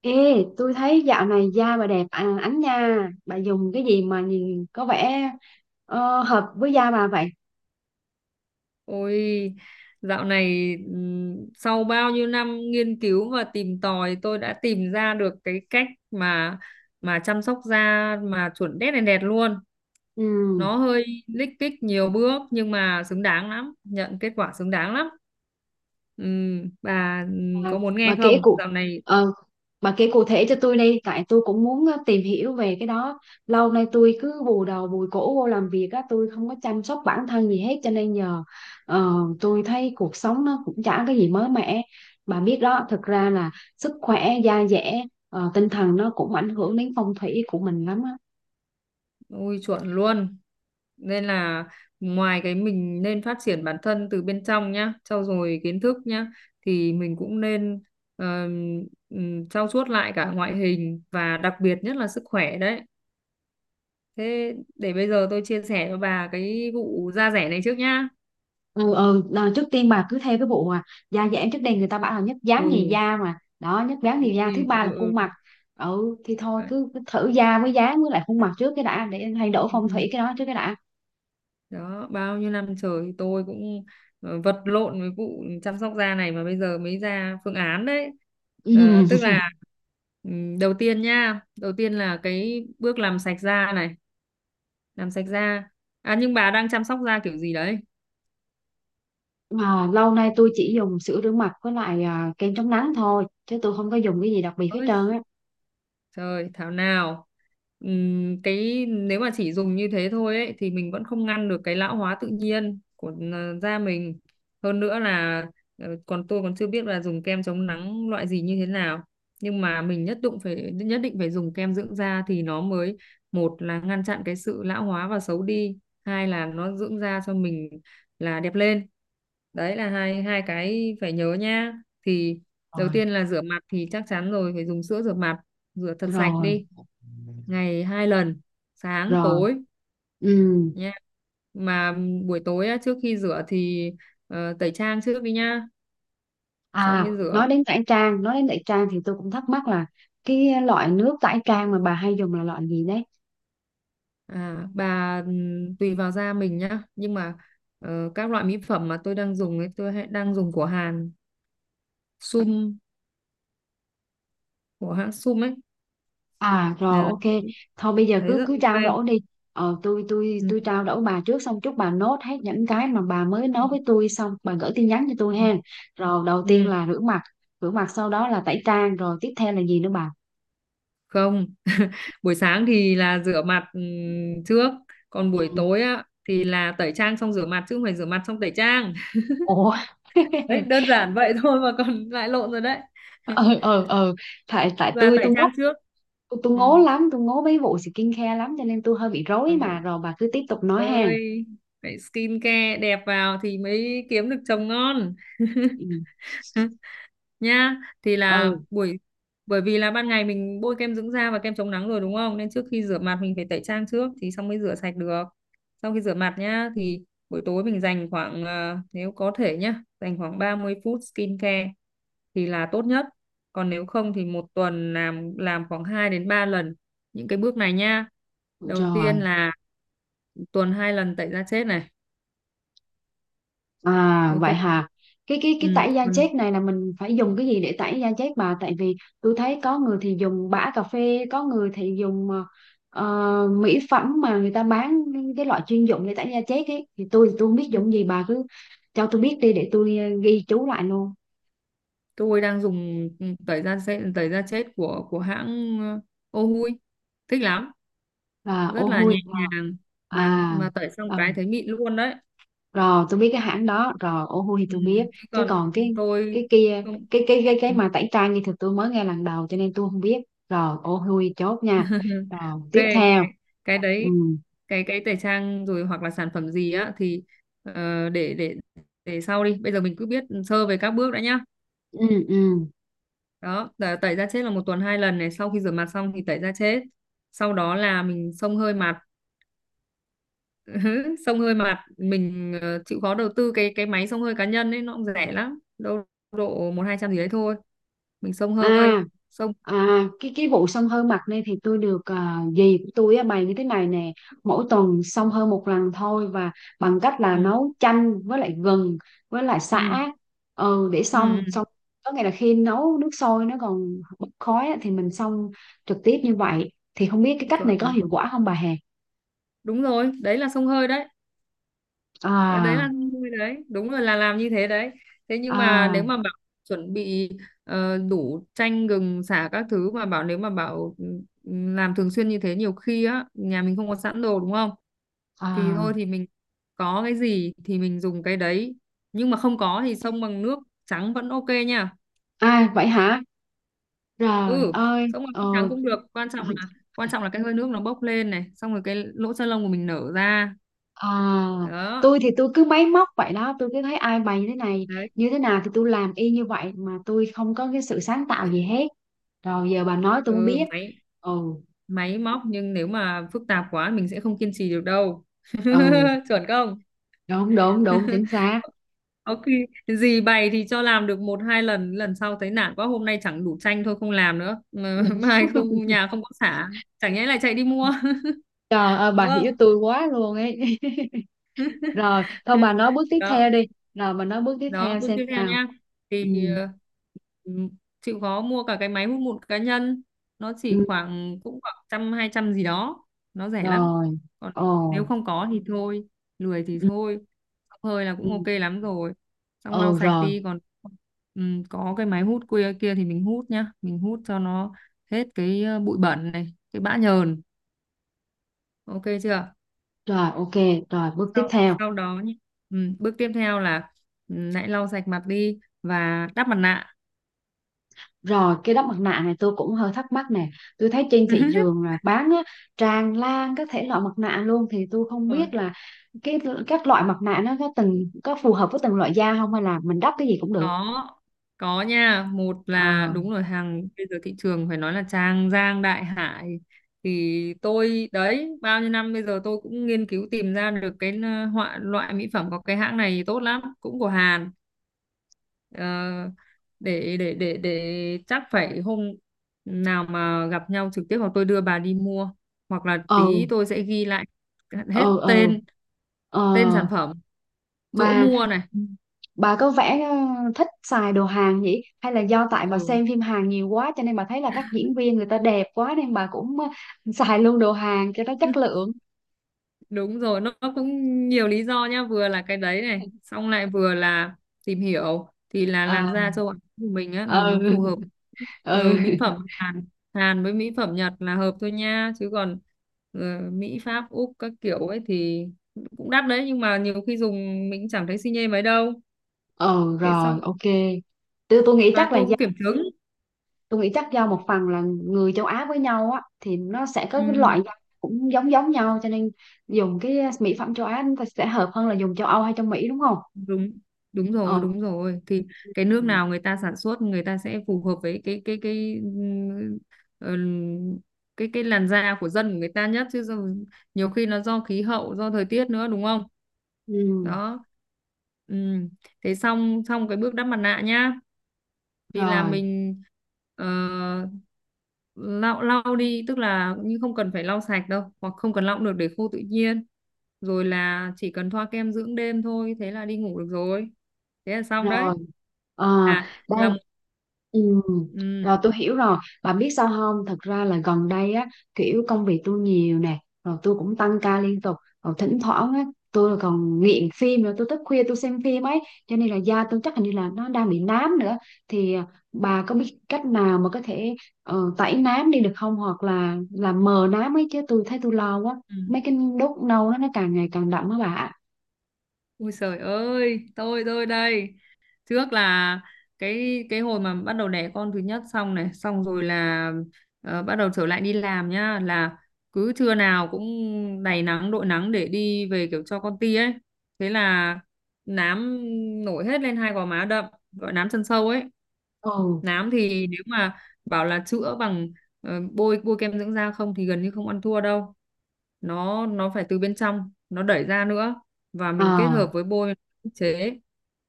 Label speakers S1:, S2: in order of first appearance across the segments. S1: Ê, tôi thấy dạo này da bà đẹp à, ánh nha. Bà dùng cái gì mà nhìn có vẻ hợp với da bà vậy?
S2: Ôi, dạo này sau bao nhiêu năm nghiên cứu và tìm tòi tôi đã tìm ra được cái cách mà chăm sóc da mà chuẩn đét này đẹp luôn.
S1: Ừ,
S2: Nó hơi lích kích nhiều bước nhưng mà xứng đáng lắm, nhận kết quả xứng đáng lắm. Bà
S1: bà,
S2: có muốn
S1: bà
S2: nghe
S1: kể
S2: không? Dạo này.
S1: ờ, bà kể cụ thể cho tôi đi, tại tôi cũng muốn tìm hiểu về cái đó. Lâu nay tôi cứ bù đầu bùi cổ vô làm việc á, tôi không có chăm sóc bản thân gì hết cho nên giờ ờ, tôi thấy cuộc sống nó cũng chả cái gì mới mẻ. Bà biết đó, thực ra là sức khỏe, da dẻ, tinh thần nó cũng ảnh hưởng đến phong thủy của mình lắm á.
S2: Ui, chuẩn luôn. Nên là ngoài cái mình nên phát triển bản thân từ bên trong nhá, trau dồi kiến thức nhá thì mình cũng nên ờm, trau chuốt lại cả ngoại hình và đặc biệt nhất là sức khỏe đấy. Thế để bây giờ tôi chia sẻ cho bà cái vụ da rẻ này trước nhá.
S1: Ừ ừ đờ, trước tiên bà cứ theo cái vụ mà da giãn trước đây người ta bảo là nhất dáng nhì
S2: Ừ.
S1: da mà đó, nhất dáng nhì da thứ
S2: Ui, ừ,
S1: ba là khuôn
S2: ừ.
S1: mặt. Ừ thì thôi
S2: Đấy.
S1: cứ thử da với dáng với lại khuôn mặt trước cái đã, để thay
S2: Ừ,
S1: đổi
S2: ừ,
S1: phong thủy
S2: ừ.
S1: cái đó trước cái đã.
S2: Đó bao nhiêu năm trời tôi cũng vật lộn với vụ chăm sóc da này mà bây giờ mới ra phương án đấy.
S1: Ừ.
S2: Ờ, tức là đầu tiên nha, đầu tiên là cái bước làm sạch da này, làm sạch da. À nhưng bà đang chăm sóc da kiểu gì đấy?
S1: Mà lâu nay tôi chỉ dùng sữa rửa mặt với lại kem chống nắng thôi chứ tôi không có dùng cái gì đặc biệt hết trơn á.
S2: Trời, thảo nào. Cái nếu mà chỉ dùng như thế thôi ấy, thì mình vẫn không ngăn được cái lão hóa tự nhiên của da mình. Hơn nữa là còn tôi còn chưa biết là dùng kem chống nắng loại gì như thế nào. Nhưng mà mình nhất định phải dùng kem dưỡng da thì nó mới, một là ngăn chặn cái sự lão hóa và xấu đi, hai là nó dưỡng da cho mình là đẹp lên. Đấy là hai hai cái phải nhớ nha. Thì đầu
S1: Rồi.
S2: tiên là rửa mặt, thì chắc chắn rồi phải dùng sữa rửa mặt, rửa thật sạch
S1: Rồi.
S2: đi, ngày 2 lần sáng
S1: Rồi.
S2: tối
S1: Ừ.
S2: nha. Mà buổi tối á, trước khi rửa thì tẩy trang trước đi nha, xong
S1: À,
S2: mới rửa.
S1: nói đến tẩy trang, nói đến tẩy trang thì tôi cũng thắc mắc là cái loại nước tẩy trang mà bà hay dùng là loại gì đấy?
S2: À, bà tùy vào da mình nhá, nhưng mà các loại mỹ phẩm mà tôi đang dùng ấy tôi đang dùng của Hàn. Sum, của hãng Sum ấy,
S1: À rồi,
S2: là
S1: ok. Thôi bây giờ
S2: thấy
S1: cứ
S2: rất
S1: cứ trao
S2: ok.
S1: đổi đi. Ờ, tôi tôi
S2: Ừ.
S1: tôi trao đổi bà trước. Xong chút bà nốt hết những cái mà bà mới
S2: Ừ.
S1: nói với tôi, xong bà gửi tin nhắn cho tôi
S2: Ừ.
S1: ha. Rồi, đầu tiên
S2: Ừ.
S1: là rửa mặt. Rửa mặt sau đó là tẩy trang. Rồi tiếp theo là gì nữa bà?
S2: Không, buổi sáng thì là rửa mặt trước, còn
S1: Ừ.
S2: buổi tối á thì là tẩy trang xong rửa mặt, chứ không phải rửa mặt xong tẩy trang.
S1: Ủa.
S2: Đấy, đơn giản vậy thôi mà còn lại lộn rồi đấy.
S1: Ờ ờ ờ, tại tại
S2: Là
S1: tôi
S2: tẩy
S1: tôi ngốc.
S2: trang trước.
S1: Tôi
S2: Ừ.
S1: ngố lắm, tôi ngố mấy vụ skin care lắm cho nên tôi hơi bị rối mà,
S2: Rồi.
S1: rồi bà cứ tiếp tục nói ha.
S2: Ơi, phải skin care đẹp vào thì mới kiếm được chồng ngon.
S1: Ừ.
S2: Nhá, thì là
S1: Ừ.
S2: buổi, bởi vì là ban ngày mình bôi kem dưỡng da và kem chống nắng rồi đúng không, nên trước khi rửa mặt mình phải tẩy trang trước thì xong mới rửa sạch được. Sau khi rửa mặt nhá thì buổi tối mình dành khoảng nếu có thể nhá dành khoảng 30 phút skincare thì là tốt nhất, còn nếu không thì một tuần làm khoảng 2 đến 3 lần những cái bước này nhá. Đầu
S1: Rồi.
S2: tiên là tuần 2 lần tẩy da chết này,
S1: À vậy
S2: ok.
S1: hả? Cái cái
S2: Ừ,
S1: cái tẩy da
S2: tuần
S1: chết này là mình phải dùng cái gì để tẩy da chết bà? Tại vì tôi thấy có người thì dùng bã cà phê, có người thì dùng mỹ phẩm mà người ta bán, cái loại chuyên dụng để tẩy da chết ấy. Thì tôi không biết dùng gì, bà cứ cho tôi biết đi để tôi ghi chú lại luôn.
S2: tôi đang dùng tẩy da chết của hãng Ohui, thích lắm,
S1: Là
S2: rất
S1: ô
S2: là nhẹ
S1: hôi.
S2: nhàng mà
S1: À,
S2: mà tẩy xong
S1: à
S2: cái thấy mịn luôn đấy.
S1: rồi, tôi biết cái hãng đó rồi, ô hu thì
S2: Ừ.
S1: tôi biết.
S2: Thế
S1: Chứ
S2: còn
S1: còn
S2: tôi
S1: cái kia,
S2: không.
S1: cái mà tẩy trang thì thực tôi mới nghe lần đầu cho nên tôi không biết. Rồi ô hu chốt nha. Rồi
S2: Ok,
S1: tiếp
S2: cái,
S1: theo.
S2: cái
S1: Ừ
S2: đấy, cái tẩy trang rồi hoặc là sản phẩm gì á thì ờ, để để để sau đi, bây giờ mình cứ biết sơ về các bước đã nhá.
S1: ừ ừ.
S2: Đó, tẩy tẩy da chết là một tuần 2 lần này, sau khi rửa mặt xong thì tẩy da chết, sau đó là mình xông hơi mặt. Ừ, xông hơi mà mình chịu khó đầu tư cái máy xông hơi cá nhân ấy, nó cũng rẻ lắm đâu, độ một hai trăm gì đấy thôi, mình xông hơi.
S1: À
S2: Xông,
S1: à, cái vụ xông hơi mặt này thì tôi được dì của tôi á, bày như thế này nè. Mỗi tuần xông hơi một lần thôi, và bằng cách là
S2: ừ,
S1: nấu chanh với lại gừng với lại
S2: ừ,
S1: sả, ừ, để
S2: ừ,
S1: xông.
S2: ừ.
S1: Xong, có nghĩa là khi nấu nước sôi nó còn bốc khói á, thì mình xông trực tiếp như vậy, thì không biết cái cách này có
S2: Chuẩn.
S1: hiệu quả không bà hè?
S2: Đúng rồi, đấy là xông hơi đấy. Ờ, đấy là
S1: À
S2: xông hơi đấy, đúng rồi, là làm như thế đấy. Thế nhưng mà
S1: à
S2: nếu mà bảo chuẩn bị đủ chanh gừng sả các thứ, mà bảo nếu mà bảo làm thường xuyên như thế nhiều khi á nhà mình không có sẵn đồ đúng không, thì
S1: à.
S2: thôi thì mình có cái gì thì mình dùng cái đấy, nhưng mà không có thì xông bằng nước trắng vẫn ok nha.
S1: À vậy hả? Trời
S2: Ừ,
S1: ơi.
S2: xông bằng
S1: Ờ.
S2: nước trắng cũng được, quan trọng là cái hơi nước nó bốc lên này, xong rồi cái lỗ chân lông của mình nở ra.
S1: À,
S2: Đó,
S1: tôi thì tôi cứ máy móc vậy đó, tôi cứ thấy ai bày như thế này,
S2: đấy.
S1: như thế nào thì tôi làm y như vậy, mà tôi không có cái sự sáng tạo gì hết. Rồi giờ bà nói tôi mới
S2: Ừ,
S1: biết.
S2: máy
S1: Ừ,
S2: máy móc nhưng nếu mà phức tạp quá mình sẽ không kiên trì được đâu.
S1: ừ,
S2: Chuẩn không,
S1: đúng, đúng, đúng, chính xác.
S2: ok. Gì bày thì cho làm được một hai lần, lần sau thấy nản quá hôm nay chẳng đủ chanh thôi không làm nữa mà.
S1: Đúng.
S2: Mai không, nhà không có xả, chẳng nhẽ lại chạy đi mua,
S1: Trời ơi,
S2: đúng
S1: bà hiểu
S2: không.
S1: tôi quá luôn ấy. Rồi, thôi bà nói bước tiếp
S2: Đó.
S1: theo đi. Rồi bà nói bước tiếp
S2: Đó,
S1: theo
S2: bước
S1: xem
S2: tiếp theo
S1: sao.
S2: nha
S1: Ừ,
S2: thì ờ, ừm, chịu khó mua cả cái máy hút mụn cá nhân, nó chỉ
S1: ừ,
S2: khoảng, cũng khoảng trăm hai trăm gì đó, nó rẻ lắm.
S1: rồi.
S2: Còn nếu
S1: Ồ,
S2: không có thì thôi, lười thì
S1: ừ,
S2: thôi. Xông hơi là
S1: ừ,
S2: cũng ok
S1: ừ,
S2: lắm rồi, xong lau
S1: ừ,
S2: sạch
S1: rồi.
S2: đi, còn có cái máy hút kia kia thì mình hút nhá, mình hút cho nó hết cái bụi bẩn này, cái bã nhờn, ok chưa.
S1: Rồi, ok, rồi bước tiếp
S2: sau
S1: theo.
S2: sau đó nhé, ừ, bước tiếp theo là ừ, hãy lau sạch mặt đi và đắp mặt nạ.
S1: Rồi, cái đắp mặt nạ này tôi cũng hơi thắc mắc nè. Tôi thấy trên thị trường là bán á, tràn lan các thể loại mặt nạ luôn. Thì tôi không
S2: Rồi,
S1: biết là cái các loại mặt nạ nó có có phù hợp với từng loại da không, hay là mình đắp cái gì cũng được?
S2: có có nha, một là
S1: Ờ
S2: đúng rồi, hàng bây giờ thị trường phải nói là trang giang đại hải, thì tôi đấy bao nhiêu năm bây giờ tôi cũng nghiên cứu tìm ra được cái họa loại mỹ phẩm, có cái hãng này tốt lắm, cũng của Hàn. Ờ, để chắc phải hôm nào mà gặp nhau trực tiếp, hoặc tôi đưa bà đi mua hoặc là
S1: ờ
S2: tí tôi sẽ ghi lại hết
S1: ờ ờ
S2: tên,
S1: ờ.
S2: tên sản phẩm, chỗ
S1: Bà
S2: mua này.
S1: bà có vẻ thích xài đồ Hàn nhỉ? Hay là do tại bà
S2: Ừ.
S1: xem phim Hàn nhiều quá, cho nên bà thấy là các diễn viên người ta đẹp quá, nên bà cũng xài luôn đồ Hàn cho nó chất lượng?
S2: Đúng rồi, nó cũng nhiều lý do nhá, vừa là cái đấy này, xong lại vừa là tìm hiểu thì là
S1: À,
S2: làn da châu Á của mình á là
S1: ừ.
S2: nó phù hợp. Ừ, mỹ
S1: Ừ.
S2: phẩm Hàn Hàn với mỹ phẩm Nhật là hợp thôi nha, chứ còn ờ, Mỹ Pháp Úc các kiểu ấy thì cũng đắt đấy, nhưng mà nhiều khi dùng mình cũng chẳng thấy xi nhê mấy đâu.
S1: Ờ
S2: Thế
S1: rồi
S2: xong,
S1: ok. Tôi nghĩ
S2: và
S1: chắc là
S2: tôi cũng kiểm chứng.
S1: tôi nghĩ chắc do một phần là người châu Á với nhau á thì nó sẽ có
S2: Ừ.
S1: cái loại rau cũng giống giống nhau, cho nên dùng cái mỹ phẩm châu Á chúng ta sẽ hợp hơn là dùng châu Âu hay châu Mỹ đúng không?
S2: Đúng, đúng rồi,
S1: Ờ.
S2: đúng rồi. Thì cái nước
S1: Ừ.
S2: nào người ta sản xuất người ta sẽ phù hợp với ừm, cái làn da của dân, của người ta nhất, chứ nhiều khi nó do khí hậu, do thời tiết nữa đúng không.
S1: Ừ.
S2: Đó. Ừm, thế xong, cái bước đắp mặt nạ nhá thì là
S1: Rồi.
S2: mình ờ, lau lau đi, tức là nhưng không cần phải lau sạch đâu, hoặc không cần lau cũng được, để khô tự nhiên rồi là chỉ cần thoa kem dưỡng đêm thôi, thế là đi ngủ được rồi, thế là xong đấy.
S1: Rồi ờ,
S2: À là
S1: đây.
S2: một.
S1: Ừ.
S2: Ừ,
S1: Rồi tôi hiểu rồi. Bà biết sao không, thật ra là gần đây á, kiểu công việc tôi nhiều nè, rồi tôi cũng tăng ca liên tục, rồi thỉnh thoảng á tôi còn nghiện phim nữa, tôi thức khuya tôi xem phim ấy, cho nên là da tôi chắc hình như là nó đang bị nám nữa. Thì bà có biết cách nào mà có thể tẩy nám đi được không, hoặc là làm mờ nám ấy, chứ tôi thấy tôi lo quá.
S2: ừ.
S1: Mấy cái đốt nâu đó nó càng ngày càng đậm á bà.
S2: Ui trời ơi, tôi đây. Trước là cái hồi mà bắt đầu đẻ con thứ nhất xong này, xong rồi là bắt đầu trở lại đi làm nhá, là cứ trưa nào cũng đầy nắng đội nắng để đi về kiểu cho con ti ấy, thế là nám nổi hết lên hai gò má đậm, gọi nám chân sâu ấy.
S1: Ừ.
S2: Nám thì nếu mà bảo là chữa bằng bôi bôi kem dưỡng da không thì gần như không ăn thua đâu, nó phải từ bên trong nó đẩy ra nữa và mình kết
S1: Ờ.
S2: hợp với bôi ức chế.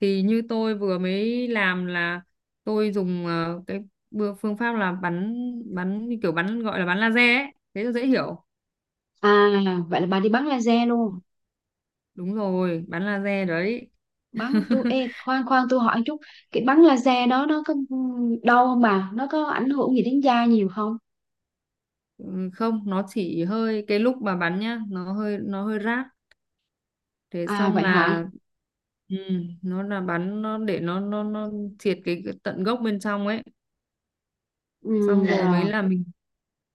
S2: Thì như tôi vừa mới làm là tôi dùng cái phương pháp là bắn bắn như kiểu bắn, gọi là bắn laser ấy, thế là dễ hiểu.
S1: À, vậy là bà đi bắn laser luôn.
S2: Đúng rồi, bắn laser đấy.
S1: Bắn tôi ê, khoan khoan tôi hỏi chút, cái bắn laser đó nó có đau không bà? Nó có ảnh hưởng gì đến da nhiều không?
S2: Ừ, không, nó chỉ hơi cái lúc mà bắn nhá nó hơi rát, thế
S1: À
S2: xong
S1: vậy hả?
S2: là ừ, nó là bắn, nó để nó triệt cái tận gốc bên trong ấy.
S1: Ừ,
S2: Xong rồi mới
S1: rồi.
S2: là mình.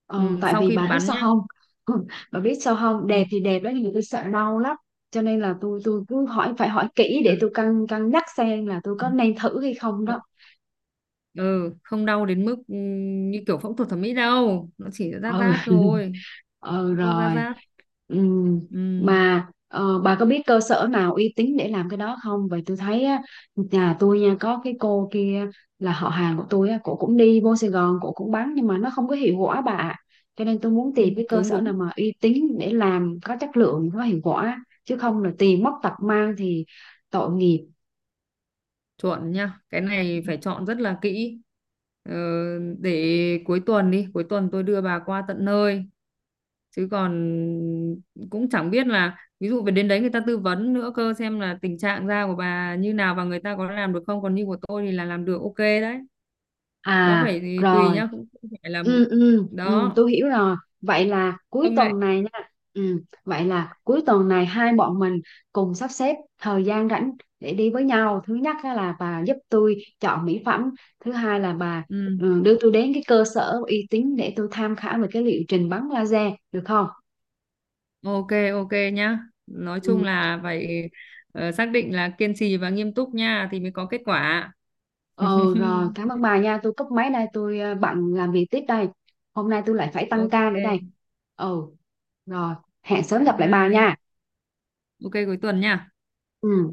S1: Ờ,
S2: Ừ,
S1: tại
S2: sau
S1: vì
S2: khi
S1: bà biết
S2: bắn
S1: sao
S2: nhá.
S1: không? Bà biết sao không?
S2: Ừ.
S1: Đẹp thì đẹp đó nhưng mà tôi sợ đau lắm. Cho nên là tôi cứ hỏi, phải hỏi kỹ
S2: À.
S1: để tôi cân cân nhắc xem là tôi
S2: Ừ,
S1: có nên thử hay không đó.
S2: ừ, không đau đến mức như kiểu phẫu thuật thẩm mỹ đâu, nó chỉ rát
S1: Ừ.
S2: rát thôi,
S1: Ừ
S2: đau rát
S1: rồi.
S2: rát.
S1: Ừm.
S2: Ừ.
S1: Mà bà có biết cơ sở nào uy tín để làm cái đó không? Vậy tôi thấy á, nhà tôi nha có cái cô kia là họ hàng của tôi á, cổ cũng đi vô Sài Gòn, cổ cũng bán nhưng mà nó không có hiệu quả bà ạ. Cho nên tôi muốn
S2: Ừ,
S1: tìm cái cơ
S2: đúng
S1: sở
S2: đúng
S1: nào mà uy tín để làm có chất lượng, có hiệu quả, chứ không là tìm mất tật mang thì tội nghiệp.
S2: chuẩn nha, cái này phải chọn rất là kỹ. Ờ, để cuối tuần đi, cuối tuần tôi đưa bà qua tận nơi, chứ còn cũng chẳng biết là ví dụ về đến đấy người ta tư vấn nữa cơ, xem là tình trạng da của bà như nào và người ta có làm được không, còn như của tôi thì là làm được ok đấy, nó
S1: À
S2: phải thì tùy
S1: rồi,
S2: nhá, cũng không phải là một.
S1: ừ ừ ừ
S2: Đó,
S1: tôi hiểu rồi, vậy là cuối
S2: ông này.
S1: tuần này nha. Ừ, vậy là cuối tuần này hai bọn mình cùng sắp xếp thời gian rảnh để đi với nhau. Thứ nhất á là bà giúp tôi chọn mỹ phẩm, thứ hai là bà
S2: Ừ.
S1: đưa tôi đến cái cơ sở uy tín để tôi tham khảo về cái liệu trình bắn laser được không?
S2: Ok, ok nhá, nói
S1: Ừ.
S2: chung là phải xác định là kiên trì và nghiêm túc nha thì mới có kết quả.
S1: Ờ rồi, cảm ơn bà nha, tôi cúp máy đây, tôi bận làm việc tiếp đây. Hôm nay tôi lại phải tăng ca nữa đây.
S2: Ok,
S1: Ừ. Rồi. Hẹn sớm
S2: bye
S1: gặp lại bà
S2: bye.
S1: nha.
S2: Ok cuối tuần nha.
S1: Ừ.